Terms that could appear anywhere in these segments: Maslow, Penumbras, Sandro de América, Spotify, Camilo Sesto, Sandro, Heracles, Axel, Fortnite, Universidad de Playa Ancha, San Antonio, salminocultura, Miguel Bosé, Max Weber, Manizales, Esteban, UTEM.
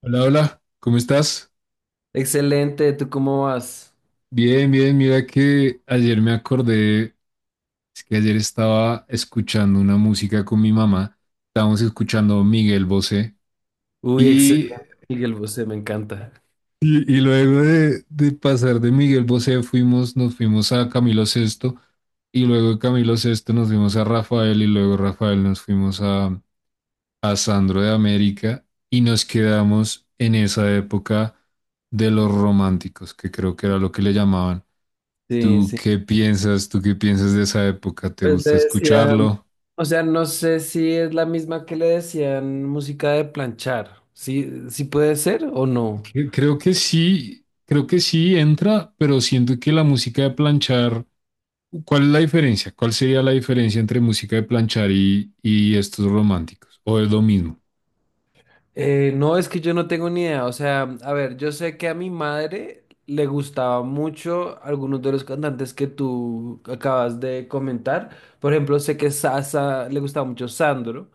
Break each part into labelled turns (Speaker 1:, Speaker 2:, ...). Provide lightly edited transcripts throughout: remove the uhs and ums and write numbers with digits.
Speaker 1: Hola, hola, ¿cómo estás?
Speaker 2: Excelente, ¿tú cómo vas?
Speaker 1: Bien, bien, mira que ayer me acordé, es que ayer estaba escuchando una música con mi mamá, estábamos escuchando Miguel Bosé
Speaker 2: Uy, excelente,
Speaker 1: y,
Speaker 2: Miguel Bosé, me encanta.
Speaker 1: y luego de pasar de Miguel Bosé nos fuimos a Camilo Sesto y luego de Camilo Sesto nos fuimos a Rafael y luego Rafael nos fuimos a Sandro de América y nos quedamos en esa época de los románticos, que creo que era lo que le llamaban.
Speaker 2: Sí,
Speaker 1: ¿Tú
Speaker 2: sí.
Speaker 1: qué piensas? ¿Tú qué piensas de esa época? ¿Te
Speaker 2: Pues le
Speaker 1: gusta
Speaker 2: decían,
Speaker 1: escucharlo?
Speaker 2: o sea, no sé si es la misma que le decían música de planchar. ¿Sí, sí puede ser o no?
Speaker 1: Creo que sí entra, pero siento que la música de planchar, ¿cuál es la diferencia? ¿Cuál sería la diferencia entre música de planchar y estos románticos? ¿O es lo mismo?
Speaker 2: No, es que yo no tengo ni idea. O sea, a ver, yo sé que a mi madre le gustaba mucho algunos de los cantantes que tú acabas de comentar. Por ejemplo, sé que Sasa le gustaba mucho Sandro.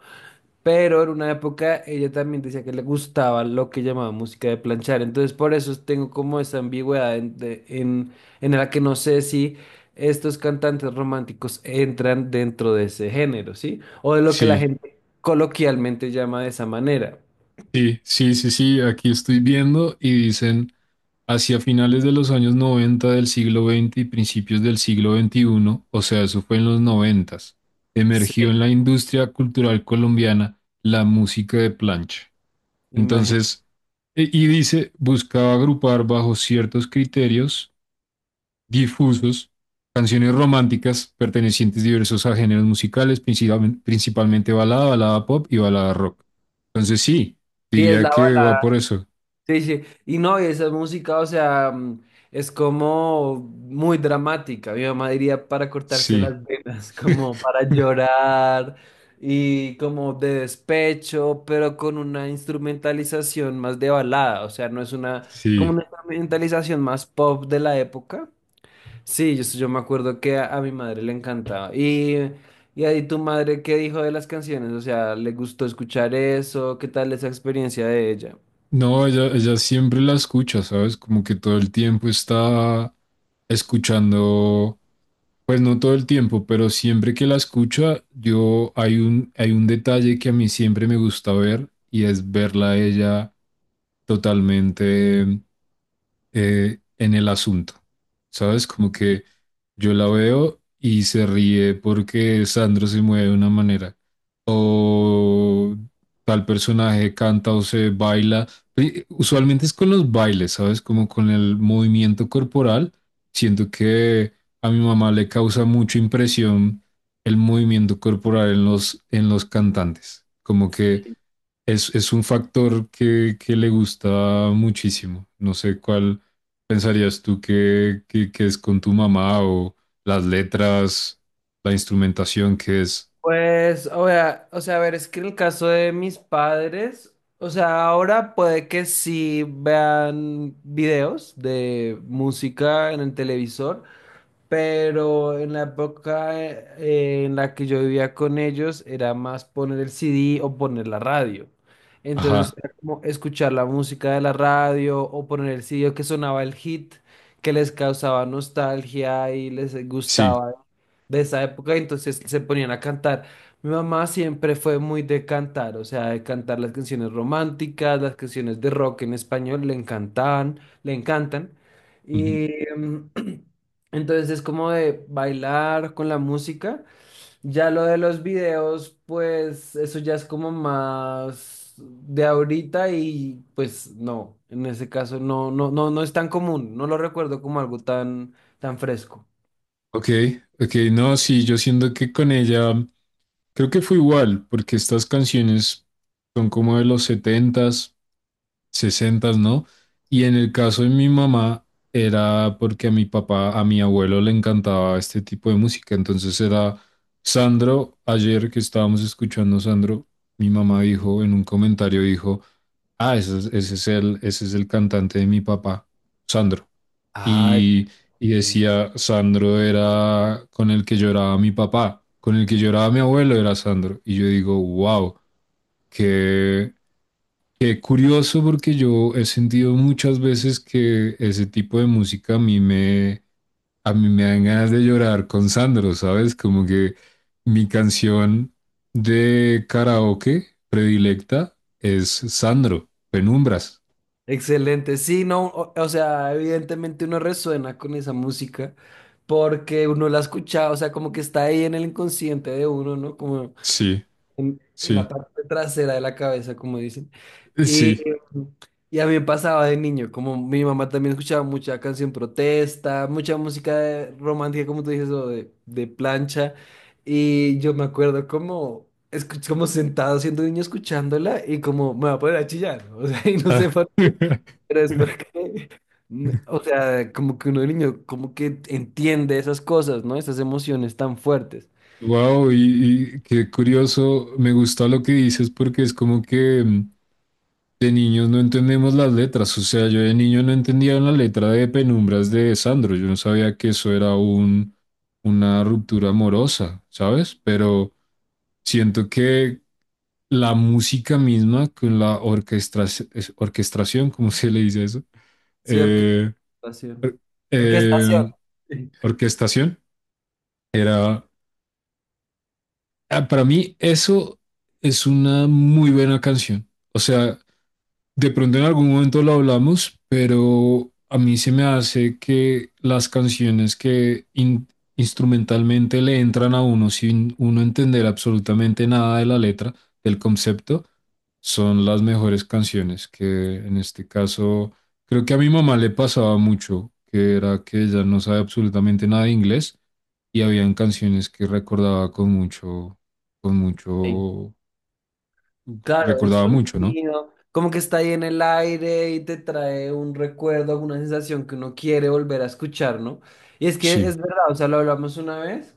Speaker 2: Pero en una época ella también decía que le gustaba lo que llamaba música de planchar. Entonces por eso tengo como esa ambigüedad en la que no sé si estos cantantes románticos entran dentro de ese género, ¿sí? O de lo que la
Speaker 1: Sí,
Speaker 2: gente coloquialmente llama de esa manera.
Speaker 1: sí, sí, sí, sí, aquí estoy viendo y dicen: Hacia finales de los años 90 del siglo XX y principios del siglo XXI, o sea, eso fue en los 90,
Speaker 2: Sí,
Speaker 1: emergió en la industria cultural colombiana la música de plancha.
Speaker 2: imagino.
Speaker 1: Entonces, y dice, buscaba agrupar bajo ciertos criterios difusos canciones románticas pertenecientes diversos a géneros musicales, principalmente balada, balada pop y balada rock. Entonces, sí,
Speaker 2: Sí, es
Speaker 1: diría
Speaker 2: la
Speaker 1: que
Speaker 2: balada.
Speaker 1: va por eso.
Speaker 2: Sí, sí, y no, y esa música, o sea, es como muy dramática. Mi mamá diría para cortarse
Speaker 1: Sí,
Speaker 2: las venas, como para llorar y como de despecho, pero con una instrumentalización más de balada, o sea, no es una, como
Speaker 1: sí.
Speaker 2: una instrumentalización más pop de la época. Sí, yo me acuerdo que a mi madre le encantaba. Y ahí tu madre, ¿qué dijo de las canciones? O sea, ¿le gustó escuchar eso? ¿Qué tal esa experiencia de ella?
Speaker 1: No, ella siempre la escucha, ¿sabes? Como que todo el tiempo está escuchando, pues no todo el tiempo, pero siempre que la escucha, yo hay un detalle que a mí siempre me gusta ver y es verla a ella totalmente en el asunto, ¿sabes? Como que yo la veo y se ríe porque Sandro se mueve de una manera o tal personaje canta o se baila. Usualmente es con los bailes, ¿sabes? Como con el movimiento corporal. Siento que a mi mamá le causa mucha impresión el movimiento corporal en los cantantes. Como que es un factor que le gusta muchísimo. No sé cuál pensarías tú que es con tu mamá o las letras, la instrumentación que es.
Speaker 2: Pues, o sea, a ver, es que en el caso de mis padres, o sea, ahora puede que sí vean videos de música en el televisor, pero en la época en la que yo vivía con ellos era más poner el CD o poner la radio. Entonces
Speaker 1: Ajá,
Speaker 2: era como escuchar la música de la radio o poner el CD que sonaba el hit que les causaba nostalgia y les
Speaker 1: sí.
Speaker 2: gustaba de esa época, entonces se ponían a cantar. Mi mamá siempre fue muy de cantar, o sea, de cantar las canciones románticas, las canciones de rock en español, le encantaban, le encantan.
Speaker 1: Ujú.
Speaker 2: Y entonces es como de bailar con la música. Ya lo de los videos, pues eso ya es como más de ahorita y pues no, en ese caso no, no es tan común, no lo recuerdo como algo tan, tan fresco.
Speaker 1: Ok, ok, no, sí, yo siento que con ella creo que fue igual, porque estas canciones son como de los setentas, sesentas, ¿no? Y en el caso de mi mamá era porque a mi papá, a mi abuelo le encantaba este tipo de música, entonces era Sandro, ayer que estábamos escuchando Sandro, mi mamá dijo en un comentario, dijo, ah, ese es el cantante de mi papá, Sandro.
Speaker 2: Ah,
Speaker 1: Y, y decía, Sandro era con el que lloraba mi papá, con el que lloraba mi abuelo era Sandro. Y yo digo, wow, qué, qué curioso porque yo he sentido muchas veces que ese tipo de música a mí me dan ganas de llorar con Sandro, ¿sabes? Como que mi canción de karaoke predilecta es Sandro, Penumbras.
Speaker 2: excelente, sí, no, o sea, evidentemente uno resuena con esa música porque uno la escucha, o sea, como que está ahí en el inconsciente de uno, ¿no? Como
Speaker 1: Sí,
Speaker 2: en la
Speaker 1: sí,
Speaker 2: parte trasera de la cabeza, como dicen. Y,
Speaker 1: sí.
Speaker 2: y a mí me pasaba de niño, como mi mamá también escuchaba mucha canción protesta, mucha música de- romántica, como tú dices, o de plancha, y yo me acuerdo como escu como sentado siendo niño escuchándola y como me va a poner a chillar, o sea, y no sé pero es porque, n- o sea, como que uno de niño, como que entiende esas cosas, ¿no? Esas emociones tan fuertes.
Speaker 1: Wow, y qué curioso, me gusta lo que dices porque es como que de niños no entendemos las letras, o sea, yo de niño no entendía una letra de Penumbras de Sandro, yo no sabía que eso era una ruptura amorosa, ¿sabes? Pero siento que la música misma con la orquestra, orquestación, ¿cómo se le dice eso?
Speaker 2: Sí,
Speaker 1: Eh,
Speaker 2: orquestación. Orquestación.
Speaker 1: eh,
Speaker 2: Sí.
Speaker 1: Orquestación, era ah, para mí eso es una muy buena canción. O sea, de pronto en algún momento lo hablamos, pero a mí se me hace que las canciones que instrumentalmente le entran a uno sin uno entender absolutamente nada de la letra, del concepto, son las mejores canciones, que en este caso creo que a mi mamá le pasaba mucho, que era que ella no sabe absolutamente nada de inglés y habían canciones que recordaba con
Speaker 2: Sí.
Speaker 1: mucho,
Speaker 2: Claro, el
Speaker 1: recordaba mucho, ¿no?
Speaker 2: sonido, como que está ahí en el aire y te trae un recuerdo, alguna sensación que uno quiere volver a escuchar, ¿no? Y es que es
Speaker 1: Sí,
Speaker 2: verdad, o sea, lo hablamos una vez.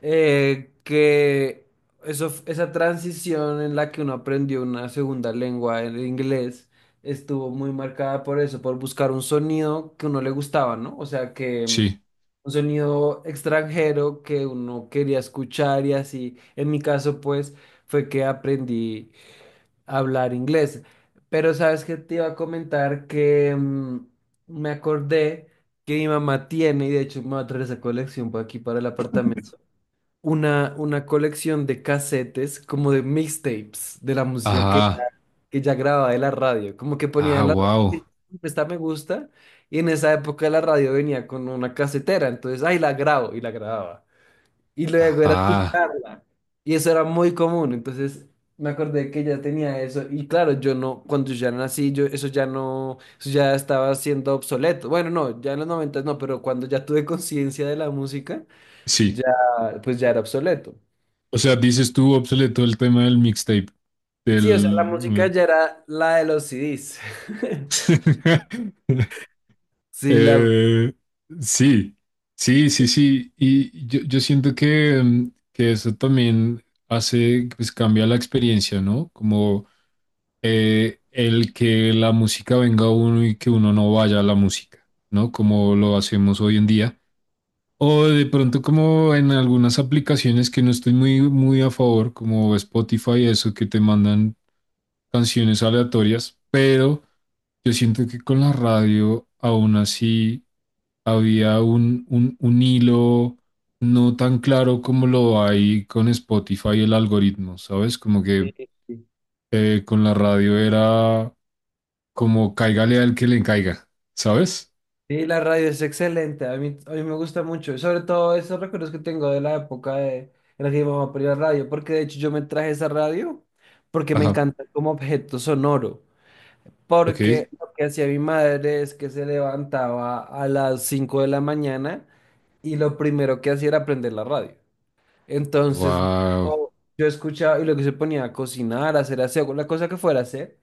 Speaker 2: Que eso, f- esa transición en la que uno aprendió una segunda lengua, el inglés, estuvo muy marcada por eso, por buscar un sonido que uno le gustaba, ¿no? O sea, que
Speaker 1: sí.
Speaker 2: un sonido extranjero que uno quería escuchar y así. En mi caso, pues, fue que aprendí a hablar inglés. Pero sabes que te iba a comentar que me acordé que mi mamá tiene, y de hecho me va a traer esa colección por aquí para el apartamento una colección de casetes, como de mixtapes, de la música
Speaker 1: Ajá,
Speaker 2: que ya grababa de la radio. Como que ponía
Speaker 1: ah,
Speaker 2: en la
Speaker 1: wow,
Speaker 2: radio, esta me gusta, y en esa época la radio venía con una casetera, entonces, ay, la grabo, y la grababa. Y luego era
Speaker 1: ajá,
Speaker 2: escucharla. Y eso era muy común, entonces me acordé que ella tenía eso. Y claro, yo no, cuando yo ya nací, eso ya no, eso ya estaba siendo obsoleto. Bueno, no, ya en los noventas no, pero cuando ya tuve conciencia de la música,
Speaker 1: sí.
Speaker 2: ya, pues ya era obsoleto.
Speaker 1: O sea, dices tú obsoleto el tema del mixtape,
Speaker 2: Sí, o sea, la música
Speaker 1: del.
Speaker 2: ya era la de los CDs. Sí, la,
Speaker 1: Eh, sí, sí, sí, sí. Y yo siento que eso también hace, pues cambia la experiencia, ¿no? Como el que la música venga a uno y que uno no vaya a la música, ¿no? Como lo hacemos hoy en día. O de pronto como en algunas aplicaciones que no estoy muy, muy a favor, como Spotify, eso que te mandan canciones aleatorias, pero yo siento que con la radio aún así había un hilo no tan claro como lo hay con Spotify el algoritmo, ¿sabes? Como que con la radio era como cáigale al que le caiga, ¿sabes?
Speaker 2: sí, la radio es excelente. A mí me gusta mucho. Y sobre todo esos recuerdos que tengo de la época en la que mi mamá ponía radio. Porque de hecho yo me traje esa radio porque me
Speaker 1: Ajá,
Speaker 2: encanta como objeto sonoro.
Speaker 1: ok.
Speaker 2: Porque lo que hacía mi madre es que se levantaba a las 5 de la mañana y lo primero que hacía era prender la radio. Entonces
Speaker 1: Wow.
Speaker 2: yo escuchaba y lo que se ponía a cocinar, a hacer aseo, la cosa que fuera a hacer.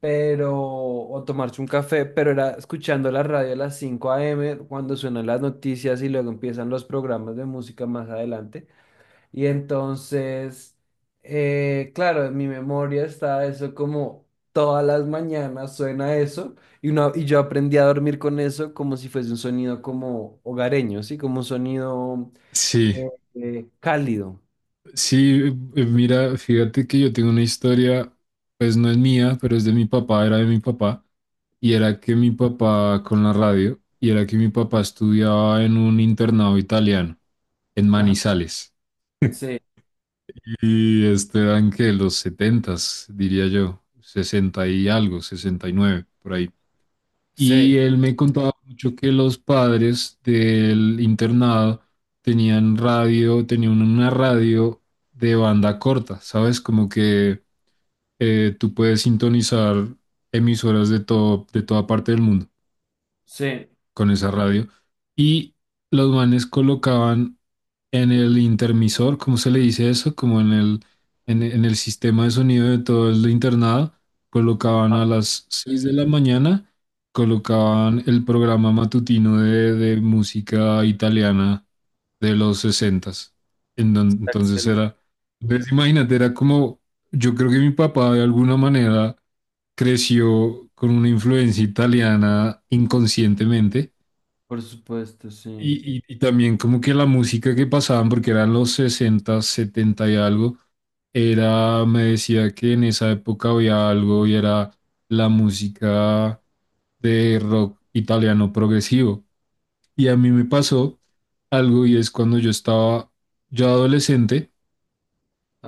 Speaker 2: Pero, o tomarse un café, pero era escuchando la radio a las 5 a.m. cuando suenan las noticias y luego empiezan los programas de música más adelante. Y entonces, claro, en mi memoria está eso como todas las mañanas suena eso y, y yo aprendí a dormir con eso como si fuese un sonido como hogareño, ¿sí? Como un sonido
Speaker 1: Sí,
Speaker 2: eh, cálido.
Speaker 1: sí, mira, fíjate que yo tengo una historia, pues no es mía, pero es de mi papá, era de mi papá, y era que mi papá con la radio, y era que mi papá estudiaba en un internado italiano, en
Speaker 2: Ajá.
Speaker 1: Manizales.
Speaker 2: Sí,
Speaker 1: Y este Esteban que los setentas diría yo, 60 y algo, 69 por ahí. Y
Speaker 2: sí,
Speaker 1: él me contaba mucho que los padres del internado tenían radio, tenían una radio de banda corta, ¿sabes? Como que tú puedes sintonizar emisoras de todo, de toda parte del mundo
Speaker 2: sí.
Speaker 1: con esa radio. Y los manes colocaban en el intermisor, ¿cómo se le dice eso? Como en en el sistema de sonido de todo el internado, colocaban a las 6 de la mañana, colocaban el programa matutino de música italiana de los 60. Entonces
Speaker 2: Axel.
Speaker 1: era, entonces imagínate, era como, yo creo que mi papá de alguna manera creció con una influencia italiana inconscientemente
Speaker 2: Por supuesto, sí.
Speaker 1: y también como que la música que pasaban, porque eran los 60 70 y algo, era, me decía que en esa época había algo y era la música de rock italiano progresivo. Y a mí me pasó algo y es cuando yo estaba ya adolescente,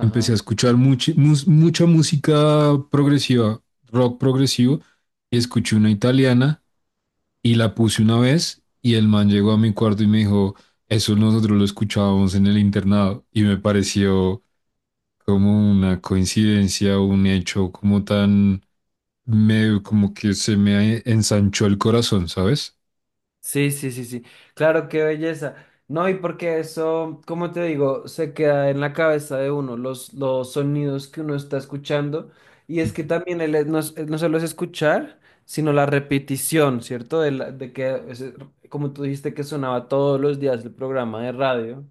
Speaker 1: empecé a escuchar mucha música progresiva, rock progresivo, y escuché una italiana y la puse una vez y el man llegó a mi cuarto y me dijo, eso nosotros lo escuchábamos en el internado y me pareció como una coincidencia, un hecho como tan, como que se me ensanchó el corazón, ¿sabes?
Speaker 2: Sí, sí, sí, sí. Claro, qué belleza. No, y porque eso, como te digo, se queda en la cabeza de uno, los sonidos que uno está escuchando. Y es que también el, no, es- no solo es escuchar, sino la repetición, ¿cierto? De, la- de que, ese- Como tú dijiste que sonaba todos los días el programa de radio.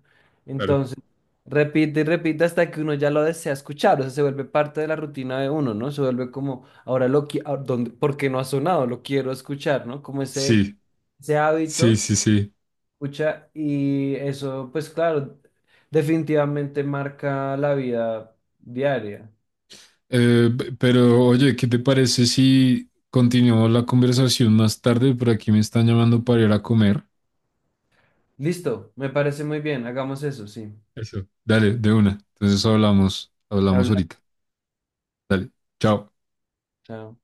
Speaker 1: Claro.
Speaker 2: Entonces, repite y repite hasta que uno ya lo desea escuchar. O sea, se vuelve parte de la rutina de uno, ¿no? Se vuelve como, ahora lo quiero, ¿por qué no ha sonado? Lo quiero escuchar, ¿no? Como
Speaker 1: Sí,
Speaker 2: ese
Speaker 1: sí,
Speaker 2: hábito,
Speaker 1: sí, sí.
Speaker 2: pucha, y eso, pues claro, definitivamente marca la vida diaria.
Speaker 1: Pero oye, ¿qué te parece si continuamos la conversación más tarde? Por aquí me están llamando para ir a comer.
Speaker 2: Listo, me parece muy bien, hagamos eso, sí.
Speaker 1: Eso. Dale, de una. Entonces hablamos, hablamos
Speaker 2: Hablar.
Speaker 1: ahorita. Dale, chao.
Speaker 2: Chao.